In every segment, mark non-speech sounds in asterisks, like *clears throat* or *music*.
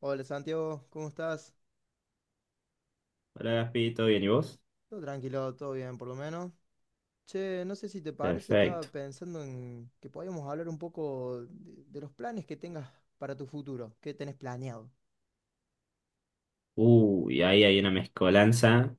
Hola Santiago, ¿cómo estás? Hola Gaspi, ¿todo bien? ¿Y vos? Todo tranquilo, todo bien por lo menos. Che, no sé si te parece, estaba Perfecto. pensando en que podíamos hablar un poco de los planes que tengas para tu futuro, qué tenés planeado. Uy, ahí hay una mezcolanza.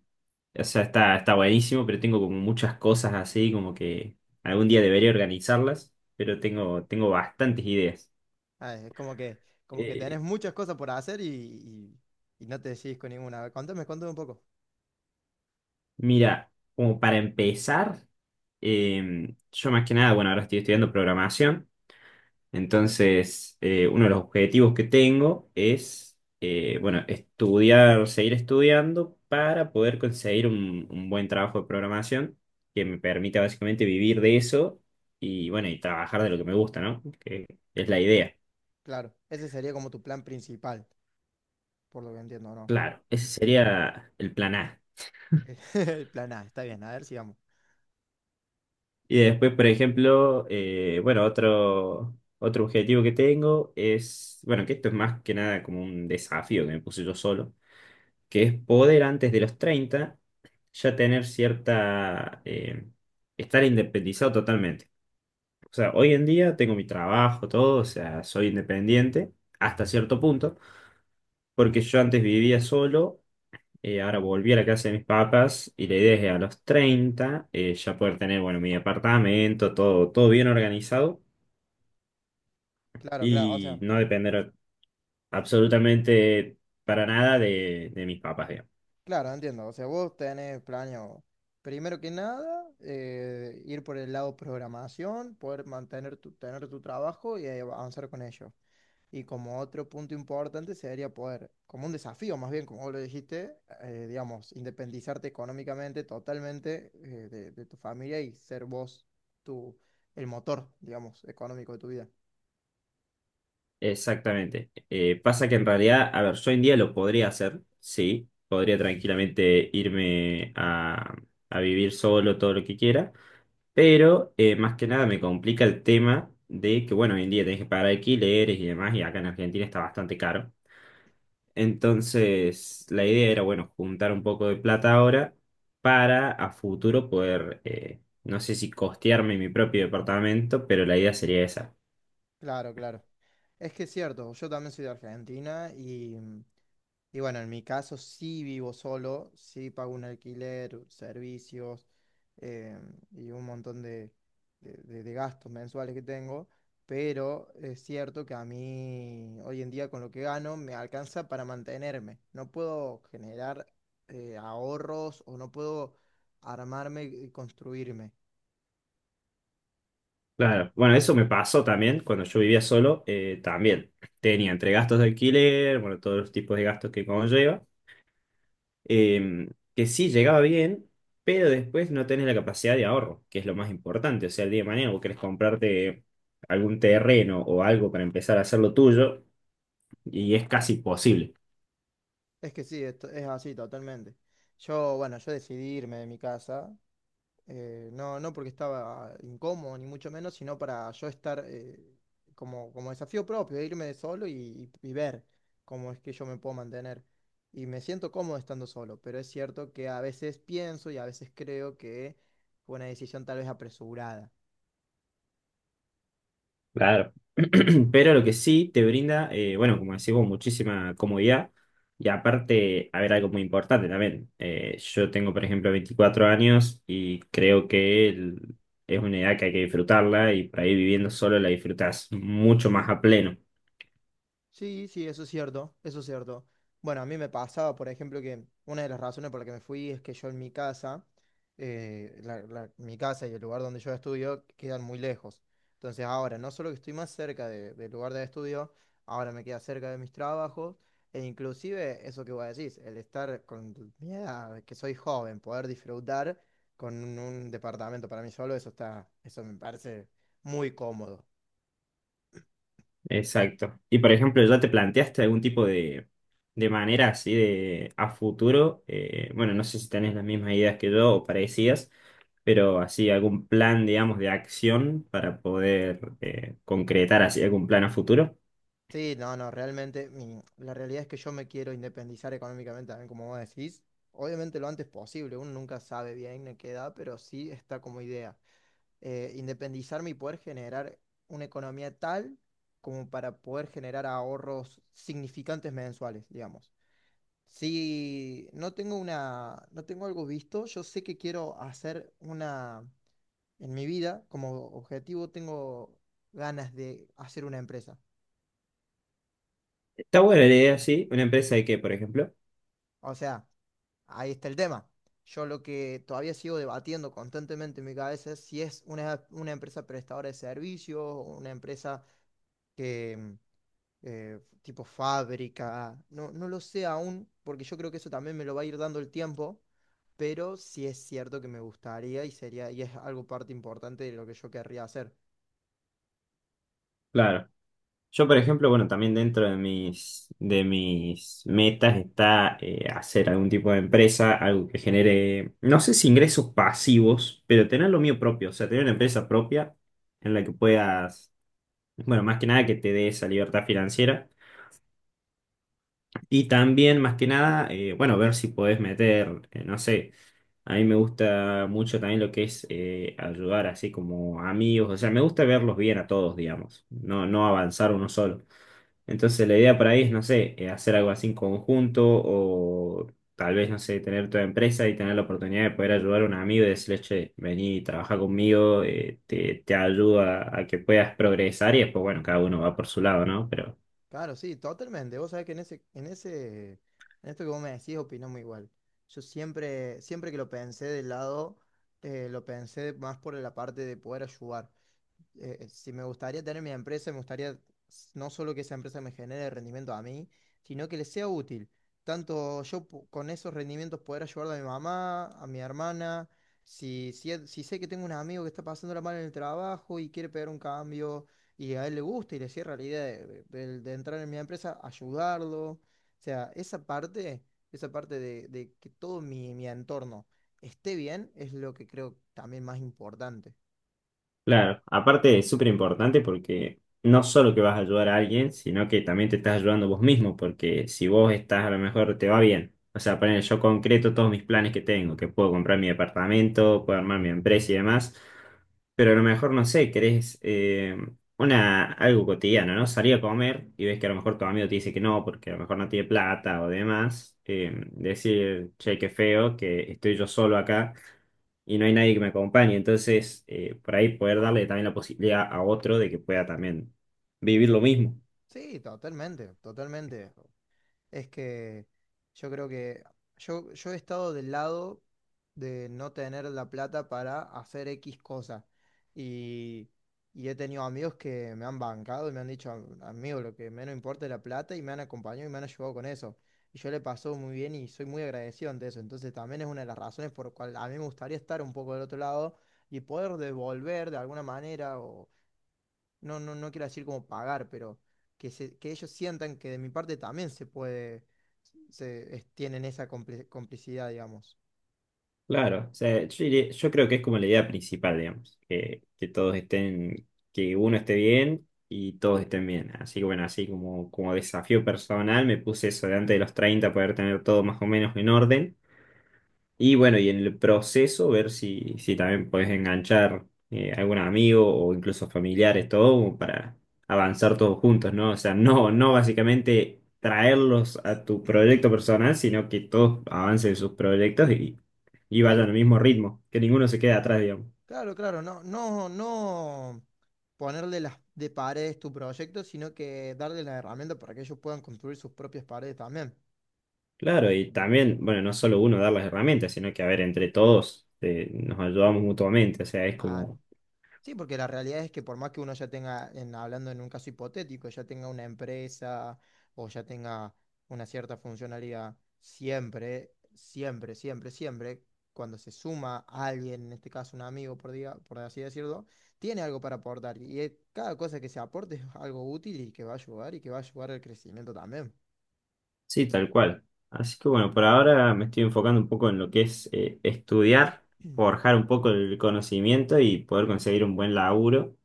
O sea, está buenísimo, pero tengo como muchas cosas así, como que algún día debería organizarlas, pero tengo bastantes ideas. Ah, es como que tenés Eh, muchas cosas por hacer y no te decidís con ninguna. A ver, contame, contame un poco. mira, como para empezar, yo más que nada, bueno, ahora estoy estudiando programación. Entonces, uno de los objetivos que tengo es, bueno, estudiar, seguir estudiando para poder conseguir un buen trabajo de programación que me permita básicamente vivir de eso y, bueno, y trabajar de lo que me gusta, ¿no? Que es la idea. Claro, ese sería como tu plan principal, por lo que entiendo, ¿no? Claro, ese sería el plan A. *laughs* El plan A, está bien, a ver, sigamos. Y después, por ejemplo, bueno, otro objetivo que tengo es, bueno, que esto es más que nada como un desafío que me puse yo solo, que es poder antes de los 30 ya tener cierta, estar independizado totalmente. O sea, hoy en día tengo mi trabajo, todo, o sea, soy independiente hasta cierto punto, porque yo antes vivía solo, ahora volví a la casa de mis papás y la idea es que a los 30 ya poder tener, bueno, mi apartamento, todo, todo bien organizado, Claro, claro, o y sea. no depender absolutamente para nada de mis papás, digamos. Claro, entiendo. O sea, vos tenés planeado, primero que nada, ir por el lado programación, poder mantener tu, tener tu trabajo y avanzar con ello. Y como otro punto importante sería poder, como un desafío más bien, como vos lo dijiste, digamos, independizarte económicamente totalmente de tu familia y ser vos tu, el motor, digamos, económico de tu vida. Exactamente. Pasa que en realidad, a ver, yo hoy en día lo podría hacer, sí, podría tranquilamente irme a vivir solo todo lo que quiera, pero más que nada me complica el tema de que, bueno, hoy en día tenés que pagar alquileres y demás, y acá en Argentina está bastante caro. Entonces, la idea era, bueno, juntar un poco de plata ahora para a futuro poder, no sé si costearme mi propio departamento, pero la idea sería esa. Claro, claro. Es que es cierto, yo también soy de Argentina y, y bueno, en mi caso sí vivo solo, sí pago un alquiler, servicios eh, y un montón de gastos mensuales que tengo, pero es cierto que a mí hoy en día con lo que gano me alcanza para mantenerme. No puedo generar ahorros o no puedo armarme y construirme. Claro, bueno, eso me pasó también cuando yo vivía solo, también tenía entre gastos de alquiler, bueno, todos los tipos de gastos que conlleva, eh, que sí llegaba bien, pero después no tenés la capacidad de ahorro, que es lo más importante, o sea, el día de mañana vos querés comprarte algún terreno o algo para empezar a hacer lo tuyo, y es casi imposible. Es que sí, es así totalmente. Yo, bueno, yo decidí irme de mi casa, no, no porque estaba incómodo, ni mucho menos, sino para yo estar como, como desafío propio, de irme de solo y ver cómo es que yo me puedo mantener. Y me siento cómodo estando solo, pero es cierto que a veces pienso y a veces creo que fue una decisión tal vez apresurada. Claro. *clears throat* Pero lo que sí te brinda, bueno, como decimos, muchísima comodidad. Y aparte, a ver, algo muy importante también. Yo tengo, por ejemplo, 24 años y creo que es una edad que hay que disfrutarla y por ahí viviendo solo la disfrutás mucho más a pleno. Sí, sí, eso es cierto, eso es cierto. Bueno, a mí me pasaba, por ejemplo, que una de las razones por la que me fui es que yo en mi casa, mi casa y el lugar donde yo estudio quedan muy lejos. Entonces ahora, no solo que estoy más cerca del lugar de estudio, ahora me queda cerca de mis trabajos, e inclusive eso que vos decís, el estar con mi edad, que soy joven, poder disfrutar con un departamento para mí solo, eso está, eso me parece muy cómodo. Exacto. Y por ejemplo, ¿ya te planteaste algún tipo de manera así de a futuro? Bueno, no sé si tenés las mismas ideas que yo o parecidas, pero así algún plan, digamos, de acción para poder concretar así algún plan a futuro. Sí, no, no, realmente la realidad es que yo me quiero independizar económicamente también, como vos decís. Obviamente lo antes posible, uno nunca sabe bien en qué edad, pero sí está como idea. Independizarme y poder generar una economía tal como para poder generar ahorros significantes mensuales, digamos. Si no tengo una, no tengo algo visto, yo sé que quiero hacer una, en mi vida, como objetivo tengo ganas de hacer una empresa. Está buena la idea, sí. Una empresa de qué, por ejemplo. O sea, ahí está el tema. Yo lo que todavía sigo debatiendo constantemente en mi cabeza es si es una empresa prestadora de servicios o una empresa que tipo fábrica. No, no lo sé aún, porque yo creo que eso también me lo va a ir dando el tiempo, pero sí es cierto que me gustaría y sería, y es algo parte importante de lo que yo querría hacer. Claro. Yo, por ejemplo, bueno, también dentro de mis metas está hacer algún tipo de empresa, algo que genere, no sé si ingresos pasivos, pero tener lo mío propio, o sea, tener una empresa propia en la que puedas, bueno, más que nada que te dé esa libertad financiera. Y también, más que nada, bueno, ver si podés meter, no sé. A mí me gusta mucho también lo que es ayudar así como amigos, o sea, me gusta verlos bien a todos, digamos, no, no avanzar uno solo. Entonces la idea por ahí es, no sé, hacer algo así en conjunto o tal vez, no sé, tener tu empresa y tener la oportunidad de poder ayudar a un amigo y decirle, che, vení, trabaja conmigo, te ayuda a que puedas progresar y después, bueno, cada uno va por su lado, ¿no? Pero Claro, sí, totalmente. Vos sabés que en ese, en ese, en esto que vos me decís, opinamos igual. Yo siempre, siempre que lo pensé del lado, lo pensé más por la parte de poder ayudar. Si me gustaría tener mi empresa, me gustaría no solo que esa empresa me genere rendimiento a mí, sino que le sea útil. Tanto yo con esos rendimientos poder ayudar a mi mamá, a mi hermana, si, si sé que tengo un amigo que está pasándola mal en el trabajo y quiere pegar un cambio y a él le gusta y le cierra la idea de entrar en mi empresa, ayudarlo. O sea, esa parte de que todo mi, mi entorno esté bien es lo que creo también más importante. claro, aparte es súper importante porque no solo que vas a ayudar a alguien, sino que también te estás ayudando vos mismo, porque si vos estás a lo mejor te va bien. O sea, poner yo concreto todos mis planes que tengo, que puedo comprar mi departamento, puedo armar mi empresa y demás, pero a lo mejor no sé, querés una, algo cotidiano, ¿no? Salir a comer y ves que a lo mejor tu amigo te dice que no, porque a lo mejor no tiene plata o demás, decir, che, qué feo, que estoy yo solo acá y no hay nadie que me acompañe. Entonces, por ahí poder darle también la posibilidad a otro de que pueda también vivir lo mismo. Sí, totalmente, totalmente. Es que yo creo que yo he estado del lado de no tener la plata para hacer X cosa. Y, y he tenido amigos que me han bancado y me han dicho, amigo, lo que menos importa es la plata y me han acompañado y me han ayudado con eso. Y yo le pasó muy bien y soy muy agradecido ante eso. Entonces también es una de las razones por la cual a mí me gustaría estar un poco del otro lado y poder devolver de alguna manera o no, no, no quiero decir como pagar, pero que, que ellos sientan que de mi parte también se puede, tienen esa complicidad, digamos. Claro, o sea, yo, yo creo que es como la idea principal, digamos, que todos estén, que uno esté bien y todos estén bien. Así que bueno, así como, como desafío personal me puse eso de antes de los 30 poder tener todo más o menos en orden. Y bueno, y en el proceso ver si, si también puedes enganchar algún amigo o incluso familiares, todo como para avanzar todos juntos, ¿no? O sea, no, no básicamente traerlos a tu proyecto personal, sino que todos avancen sus proyectos y vayan Claro, al mismo ritmo, que ninguno se quede atrás, digamos. claro, claro, no, no, no ponerle las de paredes tu proyecto, sino que darle la herramienta para que ellos puedan construir sus propias paredes también. Claro, y también, bueno, no solo uno dar las herramientas, sino que a ver, entre todos nos ayudamos mutuamente, o sea, es Claro. como Sí, porque la realidad es que por más que uno ya tenga, hablando en un caso hipotético, ya tenga una empresa o ya tenga una cierta funcionalidad, siempre, siempre, siempre, siempre, cuando se suma alguien, en este caso un amigo, por, por así decirlo, tiene algo para aportar. Y cada cosa que se aporte es algo útil y que va a ayudar y que va a ayudar al crecimiento también. sí, tal cual. Así que bueno, por ahora me estoy enfocando un poco en lo que es estudiar, *clears throat* forjar un poco el conocimiento y poder conseguir un buen laburo.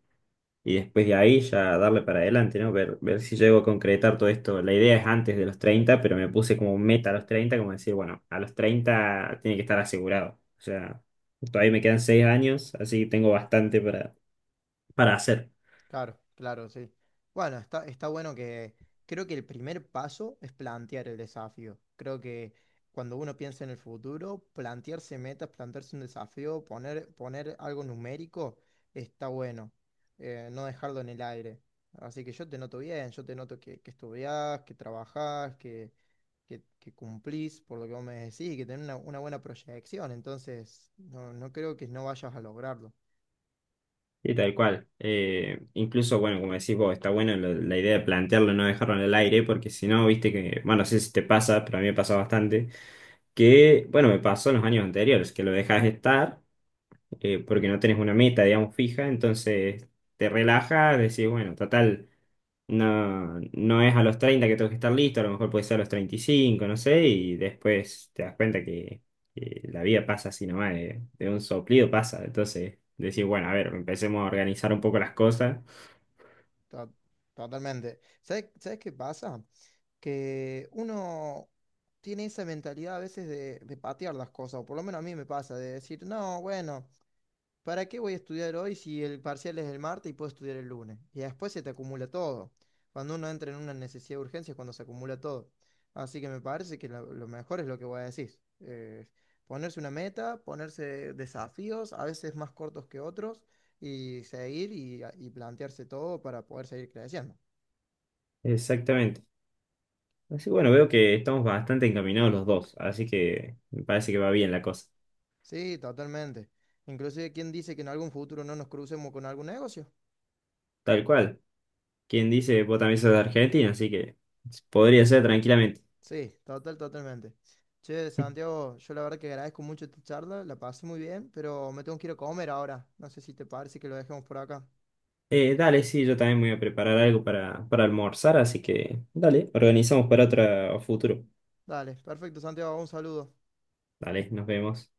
Y después de ahí ya darle para adelante, ¿no? Ver, ver si llego a concretar todo esto. La idea es antes de los 30, pero me puse como meta a los 30 como decir, bueno, a los 30 tiene que estar asegurado. O sea, todavía me quedan 6 años, así que tengo bastante para hacer. Claro, claro, sí. Bueno, está, está bueno que creo que el primer paso es plantear el desafío. Creo que cuando uno piensa en el futuro, plantearse metas, plantearse un desafío, poner, poner algo numérico, está bueno. No dejarlo en el aire. Así que yo te noto bien, yo te noto que estudiás, que trabajás, que cumplís por lo que vos me decís y que tenés una buena proyección. Entonces, no, no creo que no vayas a lograrlo. Y tal cual. Incluso, bueno, como decís vos, está bueno la idea de plantearlo, no dejarlo en el aire, porque si no, viste que, bueno, no sé si te pasa, pero a mí me pasa bastante, que, bueno, me pasó en los años anteriores, que lo dejas estar, porque no tenés una meta, digamos, fija, entonces te relajas, decís, bueno, total. No, no es a los 30 que tengo que estar listo, a lo mejor puede ser a los 35, no sé, y después te das cuenta que la vida pasa así nomás, de un soplido pasa. Entonces, decir, bueno, a ver, empecemos a organizar un poco las cosas. To- Totalmente. ¿Sabes, sabes qué pasa? Que uno tiene esa mentalidad a veces de patear las cosas, o por lo menos a mí me pasa, de decir, no, bueno. ¿Para qué voy a estudiar hoy si el parcial es el martes y puedo estudiar el lunes? Y después se te acumula todo. Cuando uno entra en una necesidad de urgencia es cuando se acumula todo. Así que me parece que lo mejor es lo que vos decís. Ponerse una meta, ponerse desafíos, a veces más cortos que otros, seguir y plantearse todo para poder seguir creciendo. Exactamente. Así bueno, veo que estamos bastante encaminados los dos, así que me parece que va bien la cosa. Sí, totalmente. Inclusive, ¿quién dice que en algún futuro no nos crucemos con algún negocio? Tal cual. Quien dice, vos también sos de Argentina, así que podría ser tranquilamente. Sí, total, totalmente. Che, Santiago, yo la verdad que agradezco mucho esta charla, la pasé muy bien, pero me tengo que ir a comer ahora. No sé si te parece que lo dejemos por acá. Dale, sí, yo también me voy a preparar algo para almorzar, así que dale, organizamos para otro futuro. Dale, perfecto, Santiago, un saludo. Dale, nos vemos.